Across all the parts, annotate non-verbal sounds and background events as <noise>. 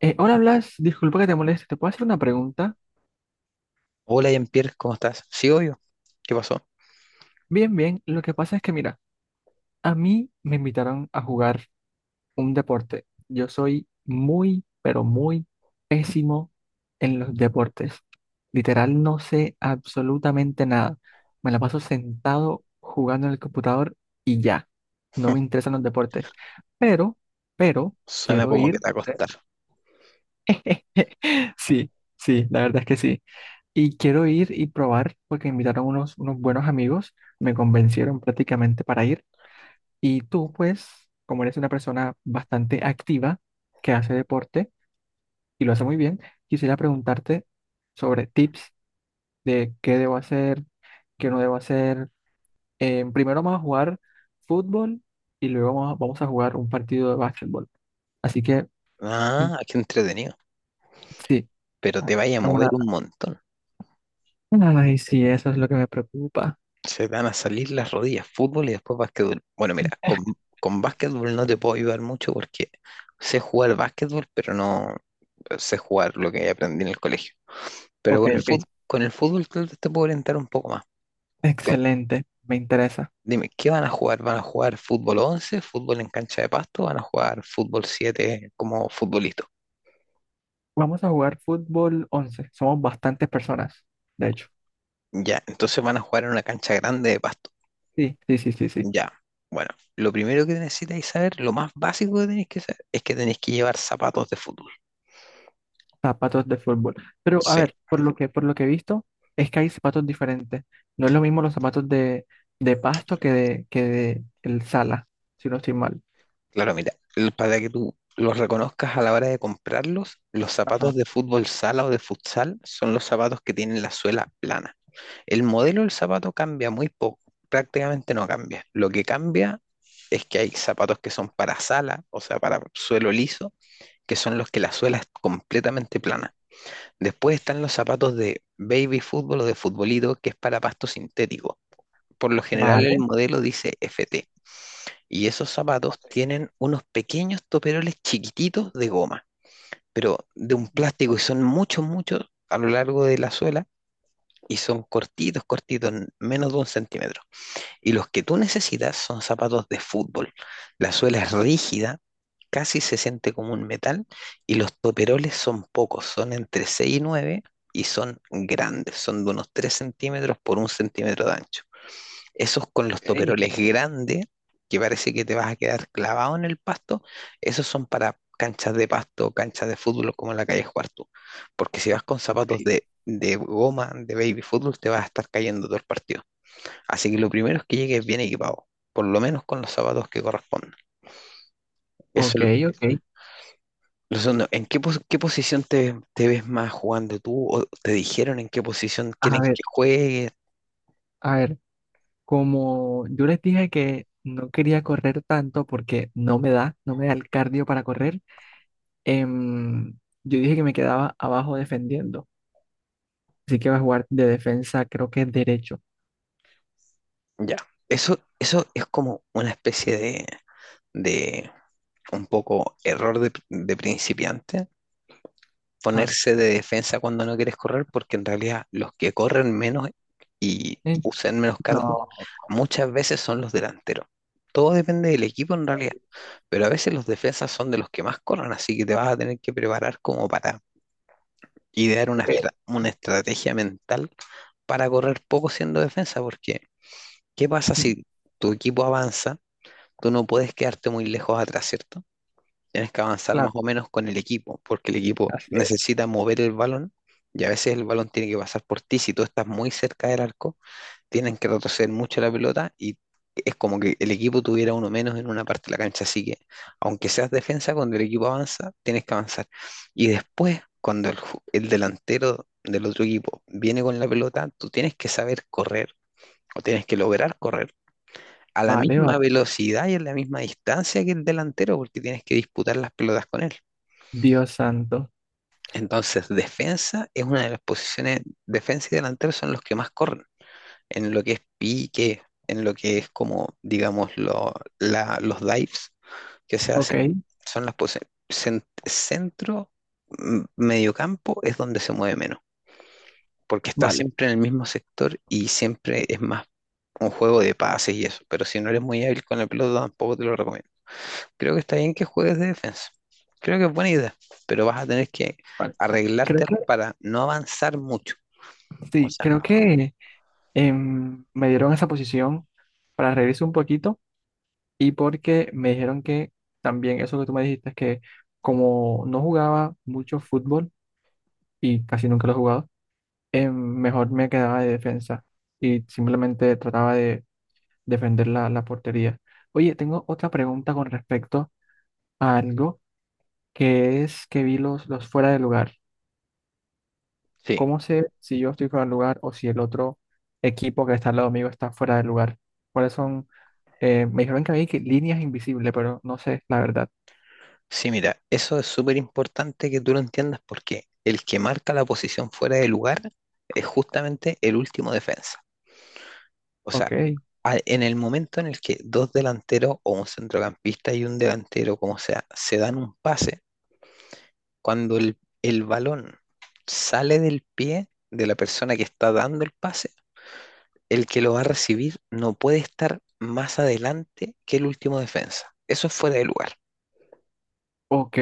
Hola Blas, disculpa que te moleste, ¿te puedo hacer una pregunta? Hola, Jean-Pierre, ¿cómo estás? Sí, obvio. ¿Qué pasó? Bien, bien, lo que pasa es que mira, a mí me invitaron a jugar un deporte. Yo soy muy, pero muy pésimo en los deportes. Literal, no sé absolutamente nada. Me la paso sentado jugando en el computador y ya. No me interesan los deportes. Pero, pero, Suena quiero como que ir, te va a no sé. costar. <laughs> Sí, sí, la verdad es que sí. Y quiero ir y probar porque invitaron unos buenos amigos, me convencieron prácticamente para ir. Y tú, pues, como eres una persona bastante activa que hace deporte y lo hace muy bien, quisiera preguntarte sobre tips de qué debo hacer, qué no debo hacer. Primero vamos a jugar fútbol y luego vamos a jugar un partido de básquetbol. Así que, mm, Ah, qué entretenido. sí, Pero te vaya a mover una... un montón. Ay, sí, eso es lo que me preocupa. Se te van a salir las rodillas, fútbol y después básquetbol. Bueno, mira, con básquetbol no te puedo ayudar mucho porque sé jugar básquetbol, pero no sé jugar lo que aprendí en el colegio. Pero Ok, ok, con el fútbol tal vez te puedo orientar un poco más. Ok. excelente, me interesa. Dime, ¿qué van a jugar? ¿Van a jugar fútbol 11, fútbol en cancha de pasto? ¿Van a jugar fútbol 7 como futbolista? Vamos a jugar fútbol 11. Somos bastantes personas, de hecho. Ya, entonces van a jugar en una cancha grande de pasto. Sí, sí, sí, sí, sí. Ya, bueno, lo primero que necesitáis saber, lo más básico que tenéis que saber, es que tenéis que llevar zapatos de fútbol. Zapatos de fútbol. Pero a Sí, ver, por lo que he visto, es que hay zapatos diferentes. No es lo mismo los zapatos de pasto que de el sala, si no estoy mal. claro, mira, para que tú los reconozcas a la hora de comprarlos, los Ajá. zapatos de fútbol sala o de futsal son los zapatos que tienen la suela plana. El modelo del zapato cambia muy poco, prácticamente no cambia. Lo que cambia es que hay zapatos que son para sala, o sea, para suelo liso, que son los que la suela es completamente plana. Después están los zapatos de baby fútbol o de futbolito, que es para pasto sintético. Por lo general el Vale, modelo dice FT. Y esos zapatos tienen unos pequeños toperoles chiquititos de goma, pero de un plástico y son muchos, muchos a lo largo de la suela y son cortitos, cortitos, menos de un centímetro. Y los que tú necesitas son zapatos de fútbol. La suela es rígida, casi se siente como un metal y los toperoles son pocos, son entre 6 y 9, y son grandes, son de unos 3 centímetros por un centímetro de ancho. Esos con los toperoles grandes, que parece que te vas a quedar clavado en el pasto, esos son para canchas de pasto, canchas de fútbol como en la calle jugar tú. Porque si vas con zapatos de goma, de baby fútbol, te vas a estar cayendo todo el partido. Así que lo primero es que llegues bien equipado, por lo menos con los zapatos que corresponden. Eso ok, es ok. lo segundo. ¿Qué posición te ves más jugando tú? ¿O te dijeron en qué posición A quieren ver, que juegues? a ver, como yo les dije que no quería correr tanto porque no me da el cardio para correr, em, yo dije que me quedaba abajo defendiendo. Así que va a jugar de defensa, creo que es derecho. Ya. Eso es como una especie de, de un poco error de principiante, Ajá. ponerse de defensa cuando no quieres correr, porque en realidad los que corren menos y Eh, usan menos cardio no, muchas veces son los delanteros. Todo depende del equipo en realidad, pero a veces los defensas son de los que más corren, así que te vas a tener que preparar como para idear una, ok. estra- una estrategia mental para correr poco siendo defensa, porque ¿qué pasa Mm. si tu equipo avanza? Tú no puedes quedarte muy lejos atrás, ¿cierto? Tienes que avanzar Claro, más o menos con el equipo, porque el equipo así es. necesita mover el balón y a veces el balón tiene que pasar por ti. Si tú estás muy cerca del arco, tienen que retroceder mucho la pelota y es como que el equipo tuviera uno menos en una parte de la cancha. Así que, aunque seas defensa, cuando el equipo avanza, tienes que avanzar. Y después, cuando el delantero del otro equipo viene con la pelota, tú tienes que saber correr o tienes que lograr correr a la Vale, vale. misma velocidad y a la misma distancia que el delantero, porque tienes que disputar las pelotas con él. Dios santo. Entonces, defensa es una de las posiciones, defensa y delantero son los que más corren, en lo que es pique, en lo que es, como, digamos, los dives que se Ok, hacen, son las posiciones. Centro, mediocampo es donde se mueve menos, porque está vale, siempre en el mismo sector y siempre es más un juego de pases y eso, pero si no eres muy hábil con el pelota, tampoco te lo recomiendo. Creo que está bien que juegues de defensa. Creo que es buena idea, pero vas a tener que vale. Creo arreglártelas que, para no avanzar mucho. O sí, sea, creo que me dieron esa posición para reírse un poquito y porque me dijeron que también eso que tú me dijiste, que como no jugaba mucho fútbol y casi nunca lo he jugado, mejor me quedaba de defensa y simplemente trataba de defender la portería. Oye, tengo otra pregunta con respecto a algo que es que vi los fuera de lugar. sí, ¿Cómo sé si yo estoy fuera de lugar o si el otro equipo que está al lado mío está fuera de lugar? ¿Cuáles son? Me dijeron que había que líneas invisibles, pero no sé, la verdad. sí, mira, eso es súper importante que tú lo entiendas porque el que marca la posición fuera de lugar es justamente el último defensa. O sea, Ok, en el momento en el que dos delanteros o un centrocampista y un delantero, como sea, se dan un pase, cuando el balón sale del pie de la persona que está dando el pase, el que lo va a recibir no puede estar más adelante que el último defensa. Eso es fuera de lugar. ok,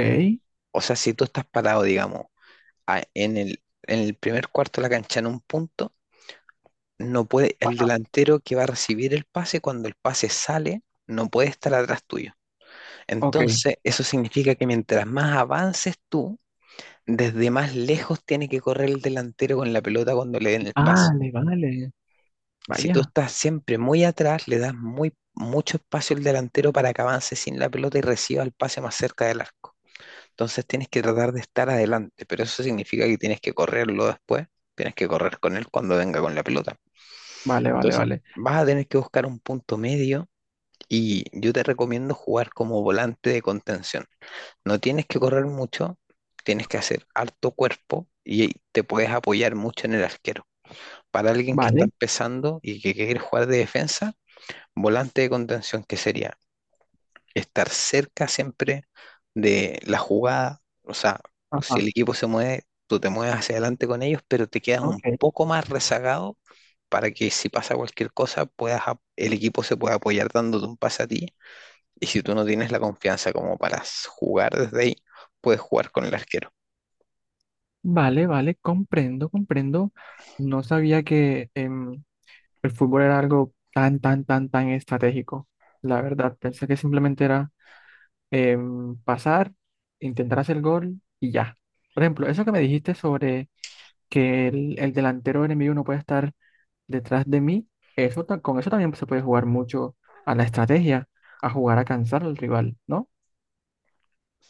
O sea, si tú estás parado, digamos, en el primer cuarto de la cancha en un punto, no puede, el delantero que va a recibir el pase, cuando el pase sale, no puede estar atrás tuyo. ok. Entonces, eso significa que mientras más avances tú, desde más lejos tiene que correr el delantero con la pelota cuando le den el pase. Vale, vale. Si tú Vaya, estás siempre muy atrás, le das mucho espacio al delantero para que avance sin la pelota y reciba el pase más cerca del arco. Entonces tienes que tratar de estar adelante, pero eso significa que tienes que correrlo después, tienes que correr con él cuando venga con la pelota. vale, vale, Entonces vale. vas a tener que buscar un punto medio y yo te recomiendo jugar como volante de contención. No tienes que correr mucho, tienes que hacer harto cuerpo y te puedes apoyar mucho en el arquero. Para alguien que está Vale, empezando y que quiere jugar de defensa, volante de contención, que sería estar cerca siempre de la jugada. O sea, si ajá, el equipo se mueve, tú te mueves hacia adelante con ellos, pero te quedas un ok. poco más rezagado para que si pasa cualquier cosa, puedas, el equipo se pueda apoyar dándote un pase a ti. Y si tú no tienes la confianza como para jugar desde ahí, puedes jugar con el arquero. Vale, vale, comprendo, comprendo. No sabía que... el fútbol era algo tan, tan, tan, tan estratégico. La verdad, pensé que simplemente era pasar, intentar hacer el gol y ya. Por ejemplo, eso que me dijiste sobre que el delantero enemigo no puede estar detrás de mí, eso, con eso también se puede jugar mucho a la estrategia, a jugar a cansar al rival, ¿no?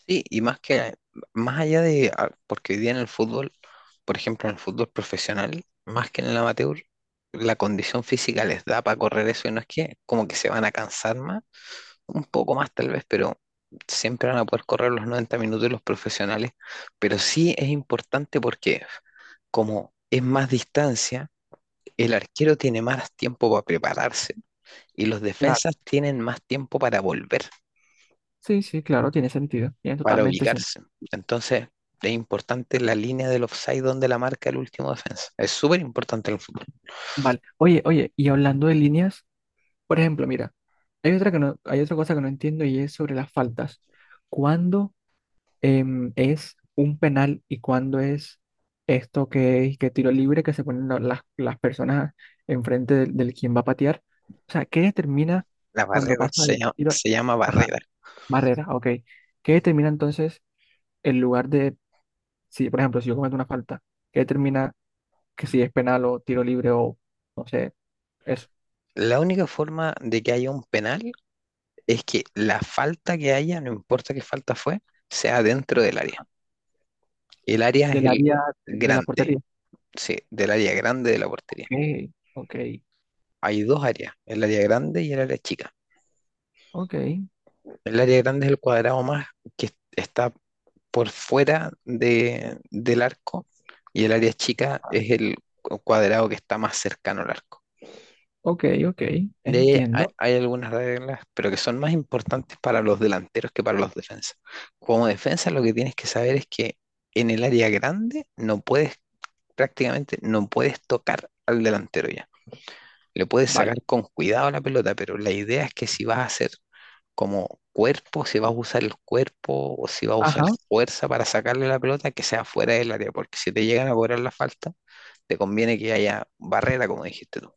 Sí, y más allá de, porque hoy día en el fútbol, por ejemplo, en el fútbol profesional, más que en el amateur, la condición física les da para correr eso y no es que como que se van a cansar más, un poco más tal vez, pero siempre van a poder correr los 90 minutos de los profesionales. Pero sí es importante porque como es más distancia, el arquero tiene más tiempo para prepararse y los Claro. defensas tienen más tiempo para volver. Sí, sí, claro, tiene sentido, tiene Para totalmente sentido. ubicarse. Entonces, es importante la línea del offside donde la marca el último defensa. Es súper importante en el fútbol. Vale. Oye, oye, y hablando de líneas. Por ejemplo, mira, hay otra cosa que no entiendo y es sobre las faltas. ¿Cuándo es un penal y cuándo es esto que es que tiro libre que se ponen las personas enfrente del quien va a patear? O sea, ¿qué determina La cuando barrera pasa el tiro? se llama Ajá, barrera. barrera, ok. ¿Qué determina entonces el lugar de, si por ejemplo, si yo cometo una falta, ¿qué determina que si es penal o tiro libre o no sé, eso? La única forma de que haya un penal es que la falta que haya, no importa qué falta fue, sea dentro del área. El área es Del el área de la grande, portería. sí, del área grande de la Ok, portería. ok. Hay dos áreas, el área grande y el área chica. Ok, El área grande es el cuadrado más que está por fuera de, del arco y el área chica es el cuadrado que está más cercano al arco. ok, ok, De ahí hay, entiendo. hay algunas reglas, pero que son más importantes para los delanteros que para los defensas. Como defensa, lo que tienes que saber es que en el área grande no puedes, prácticamente no puedes tocar al delantero ya. Le puedes Vale, sacar con cuidado la pelota, pero la idea es que si vas a hacer como cuerpo, si vas a usar el cuerpo o si vas a usar ajá, fuerza para sacarle la pelota, que sea fuera del área, porque si te llegan a cobrar la falta, te conviene que haya barrera, como dijiste tú.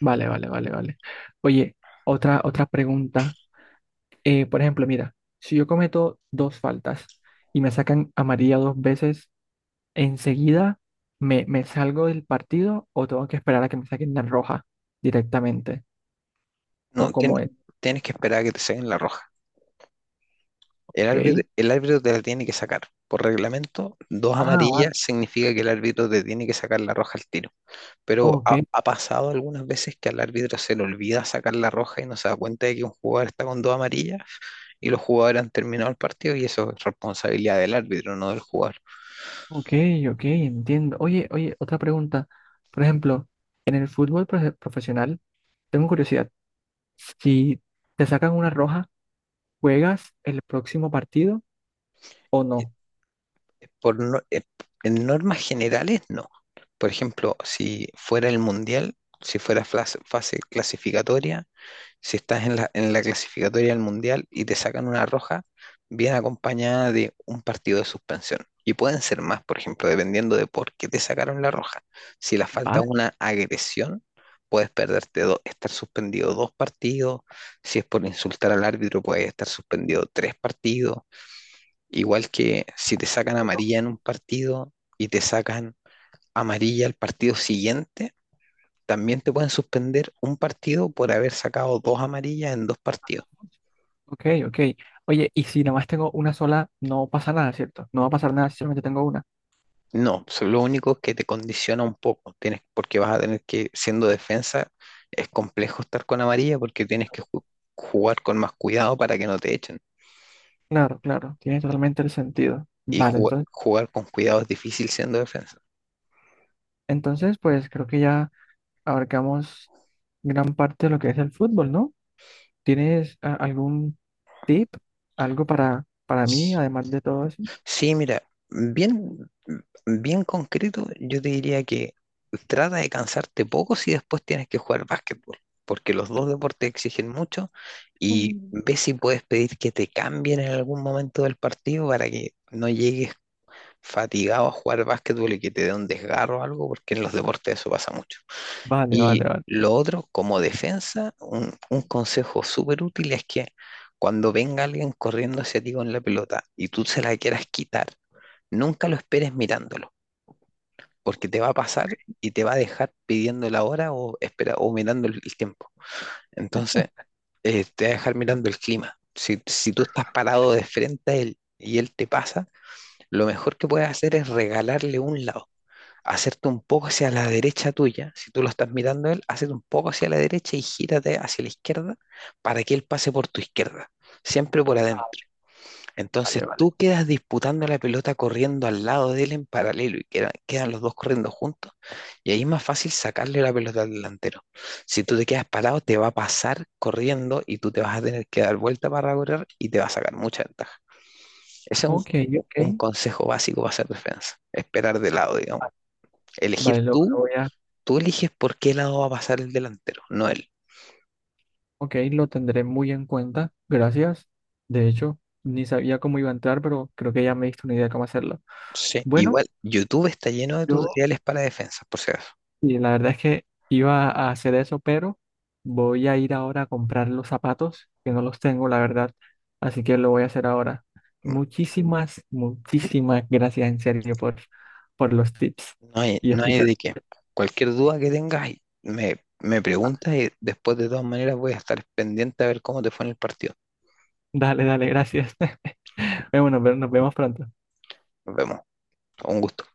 vale, vale, vale, vale. Oye, otra, otra pregunta. Por ejemplo, mira, si yo cometo dos faltas y me sacan amarilla dos veces, ¿enseguida me salgo del partido o tengo que esperar a que me saquen la roja directamente? ¿O No, cómo es? Tienes que esperar a que te saquen la roja. Ok. El árbitro te la tiene que sacar. Por reglamento, dos Ah, vale, amarillas significa que el árbitro te tiene que sacar la roja al tiro. Pero ok, ha pasado algunas veces que al árbitro se le olvida sacar la roja y no se da cuenta de que un jugador está con dos amarillas y los jugadores han terminado el partido y eso es responsabilidad del árbitro, no del jugador. ok, ok, entiendo. Oye, oye, otra pregunta. Por ejemplo, en el fútbol profesional, tengo curiosidad. Si te sacan una roja, ¿juegas el próximo partido o no? Por no- En normas generales, no. Por ejemplo, si fuera el mundial, si fuera fase clasificatoria. Si estás en la clasificatoria del Mundial y te sacan una roja, viene acompañada de un partido de suspensión. Y pueden ser más, por ejemplo, dependiendo de por qué te sacaron la roja. Si la falta es Vale, una agresión, puedes perderte, estar suspendido dos partidos. Si es por insultar al árbitro, puedes estar suspendido tres partidos. Igual que si te sacan amarilla en un partido y te sacan amarilla al partido siguiente, también te pueden suspender un partido por haber sacado dos amarillas en dos partidos. ok, ok. Oye, y si nada más tengo una sola, no pasa nada, ¿cierto? No va a pasar nada si solamente tengo una. No, lo único es que te condiciona un poco, tienes, porque vas a tener que, siendo defensa, es complejo estar con amarilla porque tienes que jugar con más cuidado para que no te echen. Claro, claro, tiene totalmente el sentido. Y Vale, entonces, jugar con cuidado es difícil siendo defensa. entonces, pues creo que ya abarcamos gran parte de lo que es el fútbol, ¿no? ¿Tienes algún tip, algo para mí, además de todo eso? Sí, mira, bien, bien concreto, yo te diría que trata de cansarte poco si después tienes que jugar básquetbol, porque los dos deportes exigen mucho y Mm. ve si puedes pedir que te cambien en algún momento del partido para que no llegues fatigado a jugar básquetbol y que te dé un desgarro o algo, porque en los deportes eso pasa mucho. Vale, vale, Y vale. lo otro, como defensa, un consejo súper útil es que cuando venga alguien corriendo hacia ti con la pelota y tú se la quieras quitar, nunca lo esperes mirándolo, porque te va a pasar y te va a dejar pidiendo la hora o, espera, o mirando el tiempo. Entonces, te va a dejar mirando el clima. Si tú estás parado de frente a él y él te pasa, lo mejor que puedes hacer es regalarle un lado, hacerte un poco hacia la derecha tuya, si tú lo estás mirando a él, hacete un poco hacia la derecha y gírate hacia la izquierda para que él pase por tu izquierda, siempre por Ah, adentro. Entonces vale, vale. tú quedas disputando la pelota corriendo al lado de él en paralelo y quedan los dos corriendo juntos y ahí es más fácil sacarle la pelota al delantero. Si tú te quedas parado, te va a pasar corriendo y tú te vas a tener que dar vuelta para correr y te va a sacar mucha ventaja. Ese es Ok, un ok. consejo básico para hacer defensa, esperar de lado, digamos. Elegir Vale, lo tú. voy a... Tú eliges por qué lado va a pasar el delantero, no él. Ok, lo tendré muy en cuenta. Gracias. De hecho, ni sabía cómo iba a entrar, pero creo que ya me diste una idea de cómo hacerlo. Sí, Bueno, igual, YouTube está lleno de yo, tutoriales para defensas, por si acaso. y la verdad es que iba a hacer eso, pero voy a ir ahora a comprar los zapatos, que no los tengo, la verdad. Así que lo voy a hacer ahora. Mm. Muchísimas, muchísimas gracias en serio por los tips No hay, y no hay explicar. de qué. Cualquier duda que tengas, me preguntas y después de todas maneras voy a estar pendiente a ver cómo te fue en el partido. Dale, dale, gracias. <laughs> Bueno, nos vemos pronto. Nos vemos. Un gusto.